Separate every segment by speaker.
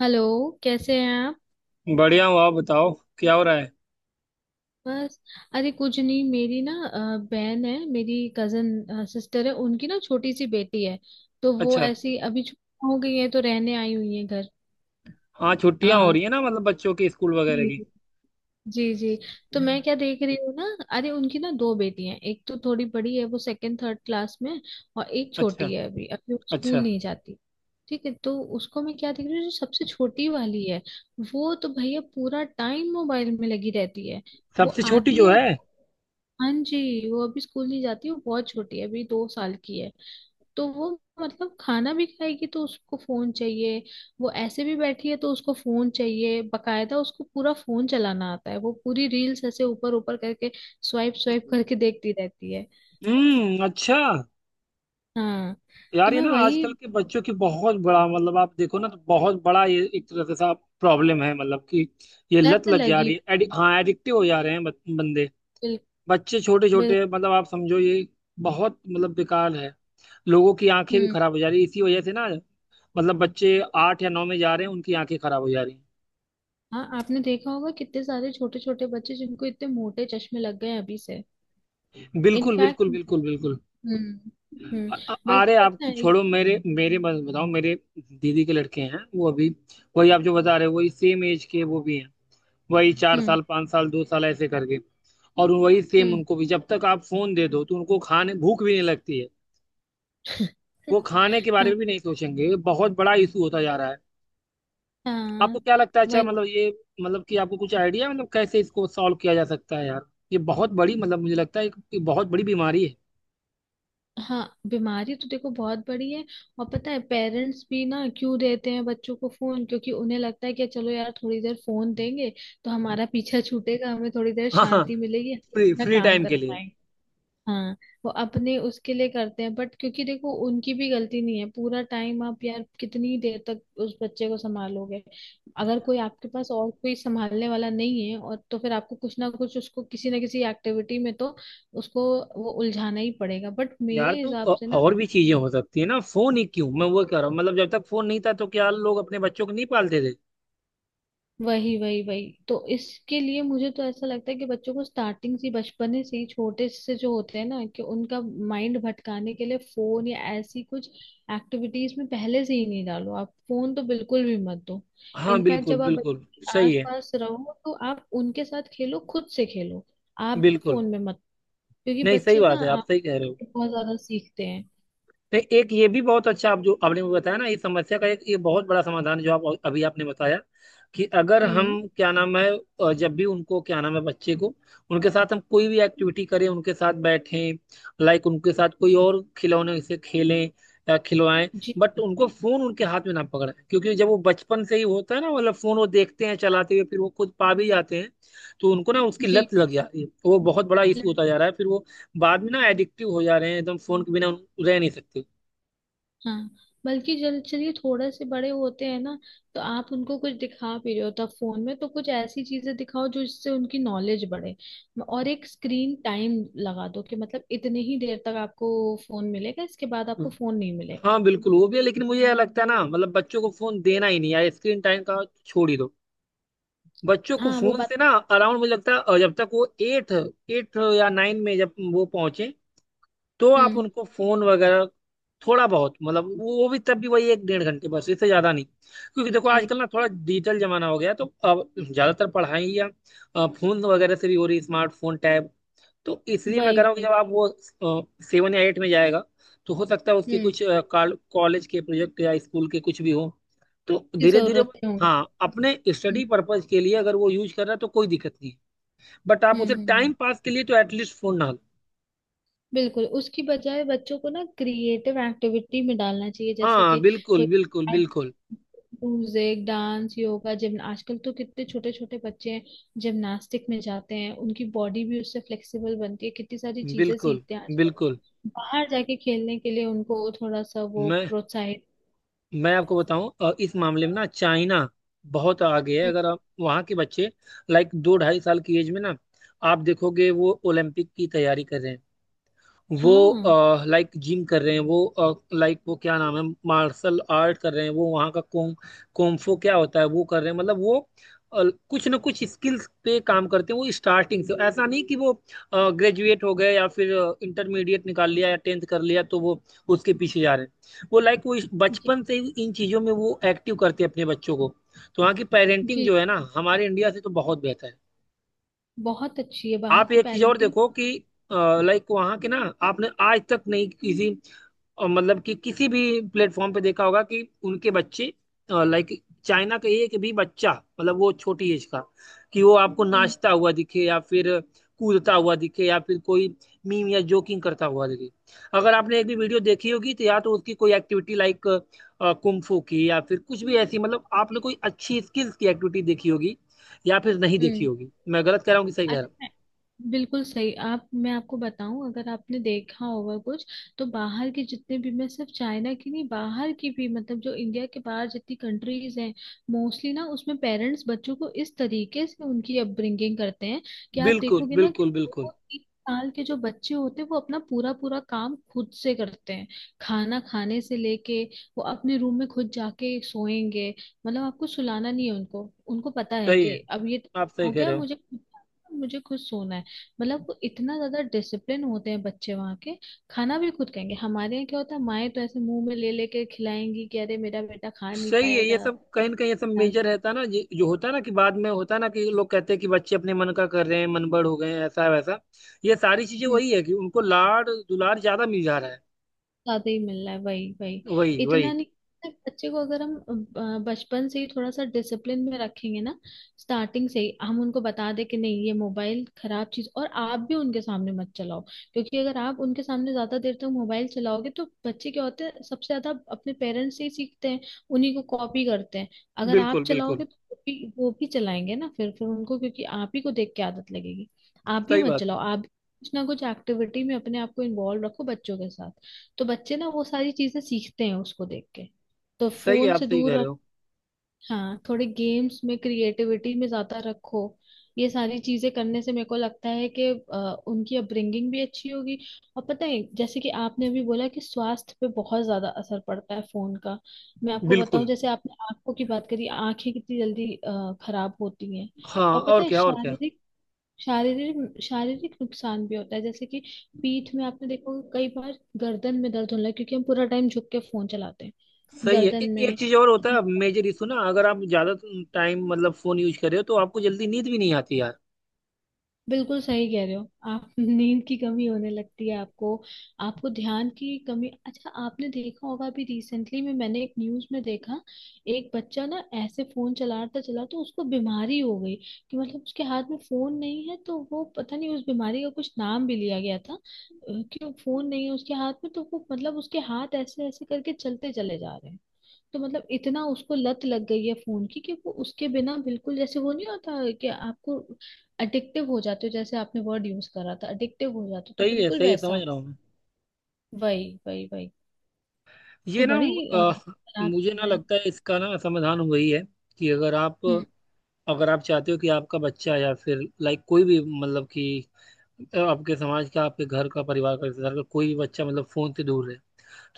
Speaker 1: Hello. कैसे हैं आप?
Speaker 2: बढ़िया हूँ। आप बताओ, क्या हो रहा है।
Speaker 1: बस। अरे कुछ नहीं, मेरी ना बहन है, मेरी कजन सिस्टर है, उनकी ना छोटी सी बेटी है। तो वो
Speaker 2: अच्छा।
Speaker 1: ऐसी अभी छुट्टी हो गई है तो रहने आई हुई है घर।
Speaker 2: हाँ, छुट्टियां हो
Speaker 1: हाँ
Speaker 2: रही है ना, मतलब बच्चों की स्कूल वगैरह
Speaker 1: जी।
Speaker 2: की।
Speaker 1: जी जी। तो मैं क्या देख रही हूँ ना, अरे उनकी ना दो बेटियां हैं, एक तो थोड़ी बड़ी है वो सेकंड थर्ड क्लास में है, और एक छोटी
Speaker 2: अच्छा,
Speaker 1: है, अभी अभी वो
Speaker 2: अच्छा।
Speaker 1: स्कूल नहीं जाती। ठीक है, तो उसको मैं क्या देख रही हूँ, जो सबसे छोटी वाली है वो तो भैया पूरा टाइम मोबाइल में लगी रहती है। वो
Speaker 2: सबसे छोटी
Speaker 1: आती
Speaker 2: जो
Speaker 1: है।
Speaker 2: है।
Speaker 1: हाँ जी, वो अभी स्कूल नहीं जाती, वो बहुत छोटी है, अभी दो साल की है। तो वो, मतलब खाना भी खाएगी तो उसको फोन चाहिए, वो ऐसे भी बैठी है तो उसको फोन चाहिए। बकायदा उसको पूरा फोन चलाना आता है, वो पूरी रील्स ऐसे ऊपर ऊपर करके स्वाइप स्वाइप करके देखती रहती है।
Speaker 2: हम्म, अच्छा।
Speaker 1: हाँ। तो
Speaker 2: यार, ये
Speaker 1: मैं
Speaker 2: ना
Speaker 1: वही,
Speaker 2: आजकल के बच्चों की बहुत बड़ा, मतलब आप देखो ना, तो बहुत बड़ा ये एक तरह से सा प्रॉब्लम है, मतलब कि ये लत
Speaker 1: लत
Speaker 2: लग जा
Speaker 1: लगी
Speaker 2: रही है,
Speaker 1: हुई है।
Speaker 2: हाँ एडिक्टिव हो जा रहे हैं बंदे।
Speaker 1: बिल्कुल।
Speaker 2: बच्चे छोटे
Speaker 1: बिल्कुल।
Speaker 2: छोटे, मतलब आप समझो, ये बहुत, मतलब बेकार है। लोगों की आंखें भी
Speaker 1: हम्म।
Speaker 2: खराब हो जा रही है इसी वजह से ना। मतलब बच्चे 8 या 9 में जा रहे हैं, उनकी आंखें खराब हो जा रही हैं।
Speaker 1: हाँ, आपने देखा होगा कितने सारे छोटे छोटे बच्चे जिनको इतने मोटे चश्मे लग गए हैं अभी से।
Speaker 2: बिल्कुल
Speaker 1: इनफैक्ट।
Speaker 2: बिल्कुल बिल्कुल बिल्कुल।
Speaker 1: हम्म। हम्म।
Speaker 2: अ- अ- अरे
Speaker 1: बल्कि
Speaker 2: आप
Speaker 1: पता है।
Speaker 2: छोड़ो, मेरे मेरे बस बताओ, मेरे दीदी के लड़के हैं वो अभी। वही आप जो बता रहे हो, वही सेम एज के वो भी हैं। वही चार
Speaker 1: हम्म।
Speaker 2: साल 5 साल, 2 साल ऐसे करके। और वही सेम
Speaker 1: हम्म।
Speaker 2: उनको भी, जब तक आप फोन दे दो तो उनको खाने भूख भी नहीं लगती है। वो खाने के बारे
Speaker 1: हाँ।
Speaker 2: में भी नहीं सोचेंगे, ये बहुत बड़ा इशू होता जा रहा है। आपको
Speaker 1: हाँ।
Speaker 2: क्या लगता है, अच्छा
Speaker 1: वही।
Speaker 2: मतलब ये, मतलब कि आपको कुछ आइडिया है मतलब कैसे इसको सॉल्व किया जा सकता है यार। ये बहुत बड़ी, मतलब मुझे लगता है कि बहुत बड़ी बीमारी है।
Speaker 1: हाँ। बीमारी तो देखो बहुत बड़ी है। और पता है, पेरेंट्स भी ना क्यों देते हैं बच्चों को फोन, क्योंकि उन्हें लगता है कि चलो यार थोड़ी देर फोन देंगे तो हमारा पीछा छूटेगा, हमें थोड़ी देर
Speaker 2: हाँ हाँ।
Speaker 1: शांति मिलेगी, हम
Speaker 2: फ्री
Speaker 1: अपना
Speaker 2: फ्री
Speaker 1: काम
Speaker 2: टाइम के
Speaker 1: कर।
Speaker 2: लिए।
Speaker 1: हाँ। वो अपने उसके लिए करते हैं, बट क्योंकि देखो उनकी भी गलती नहीं है। पूरा टाइम आप यार कितनी देर तक उस बच्चे को संभालोगे? अगर कोई आपके पास और कोई संभालने वाला नहीं है और, तो फिर आपको कुछ ना कुछ उसको, किसी ना किसी एक्टिविटी में तो उसको वो उलझाना ही पड़ेगा। बट
Speaker 2: यार,
Speaker 1: मेरे
Speaker 2: तो
Speaker 1: हिसाब से ना,
Speaker 2: और भी चीजें हो सकती है ना, फोन ही क्यों। मैं वो कह रहा हूँ, मतलब जब तक फोन नहीं था तो क्या लोग अपने बच्चों को नहीं पालते थे।
Speaker 1: वही वही वही, तो इसके लिए मुझे तो ऐसा लगता है कि बच्चों को स्टार्टिंग से, बचपन से ही, छोटे से जो होते हैं ना, कि उनका माइंड भटकाने के लिए फोन या ऐसी कुछ एक्टिविटीज में पहले से ही नहीं डालो। आप फोन तो बिल्कुल भी मत दो।
Speaker 2: हाँ
Speaker 1: इनफैक्ट
Speaker 2: बिल्कुल
Speaker 1: जब आप
Speaker 2: बिल्कुल।
Speaker 1: बच्चों के
Speaker 2: सही है।
Speaker 1: आसपास रहो तो आप उनके साथ खेलो, खुद से खेलो, आप भी
Speaker 2: बिल्कुल।
Speaker 1: फोन में मत। क्योंकि
Speaker 2: नहीं, सही
Speaker 1: बच्चे
Speaker 2: बात
Speaker 1: ना
Speaker 2: है, आप
Speaker 1: आप
Speaker 2: सही कह रहे हो।
Speaker 1: बहुत ज्यादा सीखते हैं।
Speaker 2: तो एक ये भी बहुत अच्छा आप जो आपने मुझे बताया ना, इस समस्या का एक ये बहुत बड़ा समाधान है जो आप अभी आपने बताया, कि अगर हम,
Speaker 1: हम्म।
Speaker 2: क्या नाम है, जब भी उनको, क्या नाम है, बच्चे को उनके साथ हम कोई भी एक्टिविटी करें, उनके साथ बैठें। लाइक उनके साथ कोई और खिलौने से खेलें या खिलवाएं।
Speaker 1: जी।
Speaker 2: बट उनको फोन उनके हाथ में ना पकड़ें, क्योंकि जब वो बचपन से ही होता है ना, मतलब फोन वो देखते हैं चलाते हुए, फिर वो खुद पा भी जाते हैं। तो उनको ना उसकी
Speaker 1: जी।
Speaker 2: लत लग जा रही है, वो बहुत बड़ा इशू होता जा रहा है, फिर वो बाद में ना एडिक्टिव हो जा रहे हैं, एकदम फोन के बिना रह नहीं सकते।
Speaker 1: हाँ, बल्कि जल चलिए, थोड़े से बड़े होते हैं ना, तो आप उनको कुछ दिखा भी रहे हो तब फोन में तो कुछ ऐसी चीजें दिखाओ जो इससे उनकी नॉलेज बढ़े। और एक स्क्रीन टाइम लगा दो कि मतलब इतने ही देर तक आपको फोन मिलेगा, इसके बाद आपको फोन नहीं मिलेगा।
Speaker 2: हाँ बिल्कुल, वो भी है, लेकिन मुझे यह लगता है ना, मतलब बच्चों को फोन देना ही नहीं यार, स्क्रीन टाइम का छोड़ ही दो। बच्चों को
Speaker 1: हाँ वो
Speaker 2: फोन
Speaker 1: बात।
Speaker 2: से ना अराउंड, मुझे लगता है जब तक वो एट एट या नाइन में जब वो पहुंचे तो आप
Speaker 1: हम्म।
Speaker 2: उनको फोन वगैरह थोड़ा बहुत, मतलब वो भी, तब भी वही एक डेढ़ घंटे बस, इससे ज्यादा नहीं। क्योंकि देखो
Speaker 1: जी।
Speaker 2: आजकल ना थोड़ा डिजिटल जमाना हो गया, तो अब ज्यादातर पढ़ाई या फोन वगैरह से भी हो रही, स्मार्टफोन, टैब। तो इसलिए मैं
Speaker 1: वही
Speaker 2: कह रहा हूँ कि
Speaker 1: वही।
Speaker 2: जब आप वो 7 या 8 में जाएगा तो हो सकता है उसके
Speaker 1: हम्म।
Speaker 2: कुछ कॉलेज के प्रोजेक्ट या स्कूल के कुछ भी हो, तो
Speaker 1: की
Speaker 2: धीरे धीरे वो,
Speaker 1: जरूरतें होंगी।
Speaker 2: हाँ, अपने
Speaker 1: हम्म,
Speaker 2: स्टडी पर्पज के लिए अगर वो यूज कर रहा है तो कोई दिक्कत नहीं है, बट आप
Speaker 1: हम्म।
Speaker 2: उसे टाइम पास के लिए तो एटलीस्ट फोन ना लो।
Speaker 1: बिल्कुल, उसकी बजाय बच्चों को ना क्रिएटिव एक्टिविटी में डालना चाहिए, जैसे
Speaker 2: हाँ
Speaker 1: कि
Speaker 2: बिल्कुल
Speaker 1: कोई
Speaker 2: बिल्कुल
Speaker 1: art,
Speaker 2: बिल्कुल
Speaker 1: म्यूजिक, डांस, योगा, जिम। आजकल तो कितने छोटे छोटे बच्चे हैं जिमनास्टिक में जाते हैं, उनकी बॉडी भी उससे फ्लेक्सिबल बनती है, कितनी सारी चीजें
Speaker 2: बिल्कुल
Speaker 1: सीखते हैं आजकल।
Speaker 2: बिल्कुल।
Speaker 1: बाहर जाके खेलने के लिए उनको थोड़ा सा वो
Speaker 2: मैं
Speaker 1: प्रोत्साहित।
Speaker 2: मैं आपको बताऊं, इस मामले में ना चाइना बहुत आगे है।
Speaker 1: हम्म।
Speaker 2: अगर आप वहाँ के बच्चे, लाइक दो ढाई साल की एज में ना, आप देखोगे वो ओलंपिक की तैयारी कर रहे हैं। वो
Speaker 1: हाँ।
Speaker 2: लाइक जिम कर रहे हैं, वो लाइक वो, क्या नाम है, मार्शल आर्ट कर रहे हैं, वो वहाँ का कुंग कुंफू, क्या होता है वो, कर रहे हैं, मतलब वो अ, कुछ ना कुछ स्किल्स पे काम करते हैं। वो स्टार्टिंग से, ऐसा नहीं कि वो ग्रेजुएट हो गए या फिर इंटरमीडिएट निकाल लिया या टेंथ कर लिया तो वो उसके पीछे जा रहे हैं, वो लाइक वो
Speaker 1: जी।
Speaker 2: बचपन से ही इन चीज़ों में वो एक्टिव करते हैं अपने बच्चों को। तो वहाँ की पेरेंटिंग
Speaker 1: जी।
Speaker 2: जो है ना, हमारे इंडिया से तो बहुत बेहतर है।
Speaker 1: बहुत अच्छी है बाहर
Speaker 2: आप
Speaker 1: की
Speaker 2: एक चीज़ और
Speaker 1: पेरेंटिंग।
Speaker 2: देखो कि, लाइक वहाँ के ना, आपने आज तक नहीं किसी और, मतलब कि किसी भी प्लेटफॉर्म पे देखा होगा कि उनके बच्चे, लाइक चाइना का एक भी बच्चा, मतलब वो छोटी एज का, कि वो आपको
Speaker 1: हम्म।
Speaker 2: नाचता हुआ दिखे या फिर कूदता हुआ दिखे या फिर कोई मीम या जोकिंग करता हुआ दिखे। अगर आपने एक भी वीडियो देखी होगी तो या तो उसकी कोई एक्टिविटी लाइक कुंफू की या फिर कुछ भी ऐसी, मतलब आपने कोई अच्छी स्किल्स की एक्टिविटी देखी होगी, या फिर नहीं देखी
Speaker 1: हम्म।
Speaker 2: होगी। मैं गलत कह रहा हूँ कि सही कह रहा
Speaker 1: अच्छा। बिल्कुल सही आप। मैं आपको बताऊं, अगर आपने देखा होगा कुछ, तो बाहर की, जितने भी, मैं सिर्फ चाइना की नहीं, बाहर की भी मतलब, जो इंडिया के बाहर जितनी कंट्रीज हैं मोस्टली ना, उसमें पेरेंट्स बच्चों को इस तरीके से उनकी अपब्रिंगिंग करते हैं कि
Speaker 2: हूँ।
Speaker 1: आप
Speaker 2: बिल्कुल
Speaker 1: देखोगे ना कि
Speaker 2: बिल्कुल बिल्कुल
Speaker 1: वो तीन साल के जो बच्चे होते हैं वो अपना पूरा पूरा काम खुद से करते हैं। खाना खाने से लेके, वो अपने रूम में खुद जाके सोएंगे। मतलब आपको सुलाना नहीं है उनको, उनको पता है
Speaker 2: सही
Speaker 1: कि
Speaker 2: है,
Speaker 1: अब ये
Speaker 2: आप सही
Speaker 1: हो
Speaker 2: कह
Speaker 1: गया
Speaker 2: रहे हो।
Speaker 1: मुझे, मुझे खुद सोना है। मतलब वो इतना ज्यादा डिसिप्लिन होते हैं बच्चे वहाँ के। खाना भी खुद खाएंगे। हमारे यहाँ क्या होता है, माएं तो ऐसे मुंह में ले लेके खिलाएंगी कि अरे मेरा बेटा खा नहीं
Speaker 2: सही है, ये
Speaker 1: पाएगा।
Speaker 2: सब कहीं ना कहीं ये सब मेजर रहता है ना, जो होता है ना कि बाद में होता है ना, कि लोग कहते हैं कि बच्चे अपने मन का कर रहे हैं, मनबड़ हो गए हैं, ऐसा वैसा। ये सारी चीजें
Speaker 1: हम्म।
Speaker 2: वही है कि उनको लाड दुलार ज्यादा मिल जा रहा है।
Speaker 1: ज्यादा ही मिल रहा है, वही वही।
Speaker 2: वही
Speaker 1: इतना
Speaker 2: वही।
Speaker 1: नहीं, बच्चे को अगर हम बचपन से ही थोड़ा सा डिसिप्लिन में रखेंगे ना, स्टार्टिंग से ही हम उनको बता दे कि नहीं ये मोबाइल खराब चीज, और आप भी उनके सामने मत चलाओ। क्योंकि अगर आप उनके सामने ज्यादा देर तक मोबाइल चलाओगे तो बच्चे क्या होते हैं, सबसे ज्यादा अपने पेरेंट्स से ही सीखते हैं, उन्हीं को कॉपी करते हैं। अगर आप
Speaker 2: बिल्कुल बिल्कुल।
Speaker 1: चलाओगे तो वो भी चलाएंगे ना, फिर उनको, क्योंकि आप ही को देख के आदत लगेगी। आप भी
Speaker 2: सही
Speaker 1: मत
Speaker 2: बात है।
Speaker 1: चलाओ, आप भी कुछ ना कुछ एक्टिविटी में अपने आप को इन्वॉल्व रखो बच्चों के साथ। तो बच्चे ना वो सारी चीजें सीखते हैं उसको देख के। तो
Speaker 2: सही है,
Speaker 1: फोन
Speaker 2: आप
Speaker 1: से
Speaker 2: सही कह
Speaker 1: दूर
Speaker 2: रहे
Speaker 1: रख,
Speaker 2: हो।
Speaker 1: हाँ, थोड़े गेम्स में क्रिएटिविटी में ज्यादा रखो। ये सारी चीजें करने से मेरे को लगता है कि अ, उनकी अपब्रिंगिंग भी अच्छी होगी। और पता है जैसे कि आपने अभी बोला कि स्वास्थ्य पे बहुत ज्यादा असर पड़ता है फोन का, मैं आपको बताऊं,
Speaker 2: बिल्कुल।
Speaker 1: जैसे आपने आंखों की बात करी, आंखें कितनी जल्दी खराब होती हैं।
Speaker 2: हाँ
Speaker 1: और पता
Speaker 2: और
Speaker 1: है,
Speaker 2: क्या, और क्या।
Speaker 1: शारीरिक, शारीरिक शारीरिक नुकसान भी होता है, जैसे कि पीठ में, आपने देखो कई बार गर्दन में दर्द होने लगा क्योंकि हम पूरा टाइम झुक के फोन चलाते हैं।
Speaker 2: सही है,
Speaker 1: गर्दन
Speaker 2: एक
Speaker 1: में।
Speaker 2: चीज और होता है मेजर इशू ना, अगर आप ज्यादा टाइम, मतलब फोन यूज कर रहे हो तो आपको जल्दी नींद भी नहीं आती यार।
Speaker 1: बिल्कुल सही कह रहे हो आप। नींद की कमी होने लगती है आपको, आपको ध्यान की कमी। अच्छा आपने देखा होगा, अभी रिसेंटली में मैंने एक न्यूज में देखा, एक बच्चा ना ऐसे फोन चलाता चला तो उसको बीमारी हो गई। कि मतलब उसके हाथ में फोन नहीं है तो वो, पता नहीं, उस बीमारी का कुछ नाम भी लिया गया था कि वो फोन नहीं है उसके हाथ में तो वो मतलब उसके हाथ ऐसे ऐसे करके चलते चले जा रहे हैं। तो मतलब इतना उसको लत लग गई है फोन की कि वो उसके बिना बिल्कुल जैसे वो नहीं होता, कि आपको अडिक्टिव हो जाते हो, जैसे आपने वर्ड यूज करा था अडिक्टिव हो जाते हो तो
Speaker 2: सही है
Speaker 1: बिल्कुल
Speaker 2: सही है,
Speaker 1: वैसा
Speaker 2: समझ
Speaker 1: हो।
Speaker 2: रहा हूँ।
Speaker 1: वही वही वही। तो
Speaker 2: ये ना
Speaker 1: बड़ी
Speaker 2: अ,
Speaker 1: खराब
Speaker 2: मुझे
Speaker 1: चीज
Speaker 2: ना
Speaker 1: है।
Speaker 2: लगता है इसका ना समाधान वही है कि अगर आप
Speaker 1: हम्म।
Speaker 2: अगर आप चाहते हो कि आपका बच्चा या फिर लाइक कोई भी, मतलब कि आपके समाज का, आपके घर का, परिवार का, रिश्तेदार का कोई भी बच्चा, मतलब फोन से दूर रहे।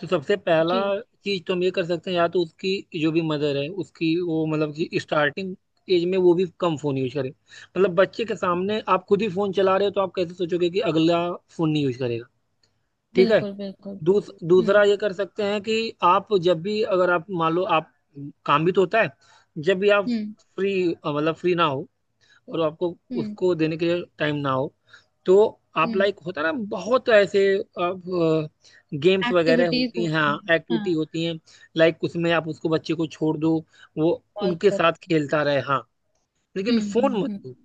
Speaker 2: तो सबसे पहला
Speaker 1: जी
Speaker 2: चीज तो हम ये कर सकते हैं, या तो उसकी जो भी मदर है उसकी वो, मतलब कि स्टार्टिंग एज में वो भी कम फोन यूज करे, मतलब बच्चे के सामने आप खुद ही फोन चला रहे हो तो आप कैसे सोचोगे कि अगला फोन नहीं यूज करेगा। ठीक है।
Speaker 1: बिल्कुल। बिल्कुल। हम्म।
Speaker 2: दूसरा ये कर सकते हैं कि आप जब भी, अगर आप मान लो आप, काम भी तो होता है, जब भी आप
Speaker 1: हम्म।
Speaker 2: फ्री, मतलब फ्री ना हो, और आपको
Speaker 1: हम्म।
Speaker 2: उसको देने के लिए टाइम ना हो, तो आप
Speaker 1: हम्म।
Speaker 2: लाइक, होता है ना बहुत ऐसे, अब गेम्स वगैरह
Speaker 1: एक्टिविटीज
Speaker 2: होती हैं,
Speaker 1: होती हैं,
Speaker 2: हाँ
Speaker 1: हाँ।
Speaker 2: एक्टिविटी होती हैं, लाइक उसमें आप उसको बच्चे को छोड़ दो, वो
Speaker 1: कॉल
Speaker 2: उनके
Speaker 1: कर।
Speaker 2: साथ खेलता रहे, हाँ, लेकिन
Speaker 1: हम्म।
Speaker 2: फोन
Speaker 1: हम्म। हम्म।
Speaker 2: मत।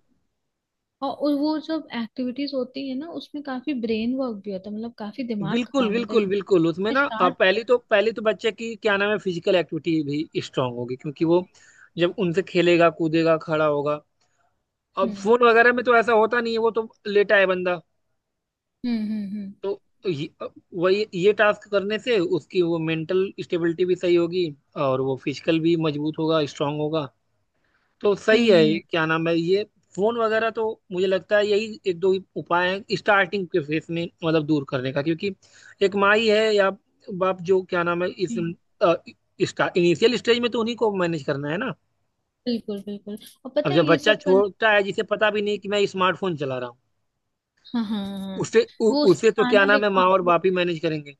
Speaker 1: और वो जब एक्टिविटीज होती है ना, उसमें काफी ब्रेन वर्क भी होता है, मतलब काफी दिमाग का
Speaker 2: बिल्कुल
Speaker 1: काम होता
Speaker 2: बिल्कुल बिल्कुल, उसमें
Speaker 1: है,
Speaker 2: ना
Speaker 1: शार्प।
Speaker 2: पहली तो बच्चे की, क्या नाम है, फिजिकल एक्टिविटी भी स्ट्रांग होगी क्योंकि वो जब उनसे खेलेगा, कूदेगा, खड़ा होगा। अब
Speaker 1: हम्म।
Speaker 2: फोन वगैरह में तो ऐसा होता नहीं है, वो तो लेटा है बंदा।
Speaker 1: हम्म। हम्म। हम्म।
Speaker 2: तो ये, वही ये टास्क करने से उसकी वो मेंटल स्टेबिलिटी भी सही होगी, और वो फिजिकल भी मजबूत होगा, स्ट्रांग होगा। तो सही है,
Speaker 1: हम्म।
Speaker 2: क्या नाम है ये फोन वगैरह तो, मुझे लगता है यही एक दो ही उपाय हैं स्टार्टिंग के फेस में, मतलब दूर करने का, क्योंकि एक माई है या बाप, जो क्या नाम है, इस
Speaker 1: जी
Speaker 2: इनिशियल स्टेज में तो उन्हीं को मैनेज करना है ना।
Speaker 1: बिल्कुल बिल्कुल। और
Speaker 2: अब
Speaker 1: पता है
Speaker 2: जब
Speaker 1: ये
Speaker 2: बच्चा
Speaker 1: सब करना,
Speaker 2: छोटा है, जिसे पता भी नहीं कि मैं स्मार्टफोन चला रहा हूँ,
Speaker 1: हाँ हाँ हाँ हाँ।
Speaker 2: उसे,
Speaker 1: वो उससे
Speaker 2: उसे तो क्या
Speaker 1: खाना
Speaker 2: नाम है,
Speaker 1: देखो
Speaker 2: माँ और
Speaker 1: आपको,
Speaker 2: बाप ही मैनेज करेंगे।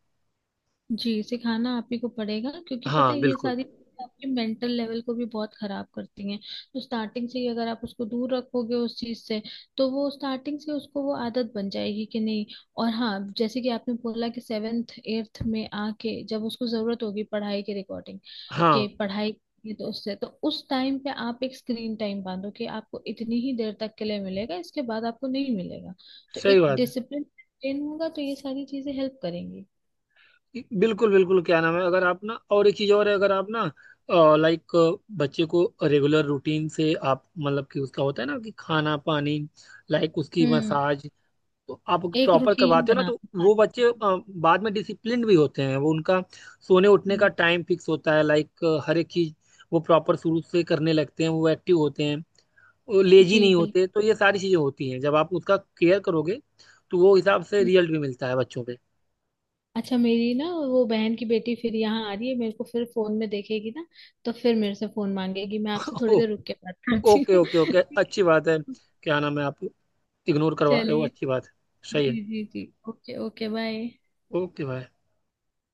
Speaker 1: जी, सिखाना आप ही को पड़ेगा क्योंकि पता
Speaker 2: हाँ
Speaker 1: है ये
Speaker 2: बिल्कुल।
Speaker 1: सारी चीजें आपके मेंटल लेवल को भी बहुत खराब करती हैं। तो स्टार्टिंग से ही अगर आप उसको दूर रखोगे उस चीज से, तो वो स्टार्टिंग से उसको वो आदत बन जाएगी कि नहीं। और हाँ जैसे कि आपने बोला कि सेवेंथ एट्थ में आके जब उसको जरूरत होगी पढ़ाई के, रिकॉर्डिंग
Speaker 2: हाँ।
Speaker 1: के, पढ़ाई की, तो उससे तो उस टाइम पे आप एक स्क्रीन टाइम बांधो कि आपको इतनी ही देर तक के लिए मिलेगा, इसके बाद आपको नहीं मिलेगा। तो
Speaker 2: सही
Speaker 1: एक
Speaker 2: बात है।
Speaker 1: डिसिप्लिन होगा, तो ये सारी चीजें हेल्प करेंगी।
Speaker 2: बिल्कुल बिल्कुल, क्या नाम है, अगर आप ना, और एक चीज और है, अगर आप ना, लाइक बच्चे को रेगुलर रूटीन से आप, मतलब कि उसका होता है ना कि खाना पानी, लाइक उसकी
Speaker 1: हम्म।
Speaker 2: मसाज, तो आप
Speaker 1: एक
Speaker 2: प्रॉपर
Speaker 1: रूटीन
Speaker 2: करवाते हो ना, तो
Speaker 1: बनाते हैं
Speaker 2: वो
Speaker 1: खाने
Speaker 2: बच्चे
Speaker 1: की।
Speaker 2: बाद में डिसिप्लिन भी होते हैं, वो उनका सोने उठने का
Speaker 1: हम्म,
Speaker 2: टाइम फिक्स होता है, लाइक हर एक चीज वो प्रॉपर शुरू से करने लगते हैं, वो एक्टिव होते हैं, वो लेजी
Speaker 1: जी
Speaker 2: नहीं
Speaker 1: बिल्कुल।
Speaker 2: होते। तो ये सारी चीजें होती हैं जब आप उसका केयर करोगे, तो वो हिसाब से
Speaker 1: हम्म।
Speaker 2: रिजल्ट भी मिलता है बच्चों पे।
Speaker 1: अच्छा, मेरी ना वो बहन की बेटी फिर यहाँ आ रही है, मेरे को फिर फोन में देखेगी ना, तो फिर मेरे से फोन मांगेगी। मैं आपसे थोड़ी देर रुक के बात करती
Speaker 2: ओके
Speaker 1: हूँ।
Speaker 2: ओके ओके,
Speaker 1: ठीक
Speaker 2: अच्छी बात है।
Speaker 1: है।
Speaker 2: क्या नाम है, आप इग्नोर करवा रहे हो,
Speaker 1: चलिए।
Speaker 2: अच्छी बात है। सही है।
Speaker 1: जी जी जी, ओके ओके, बाय।
Speaker 2: ओके भाई।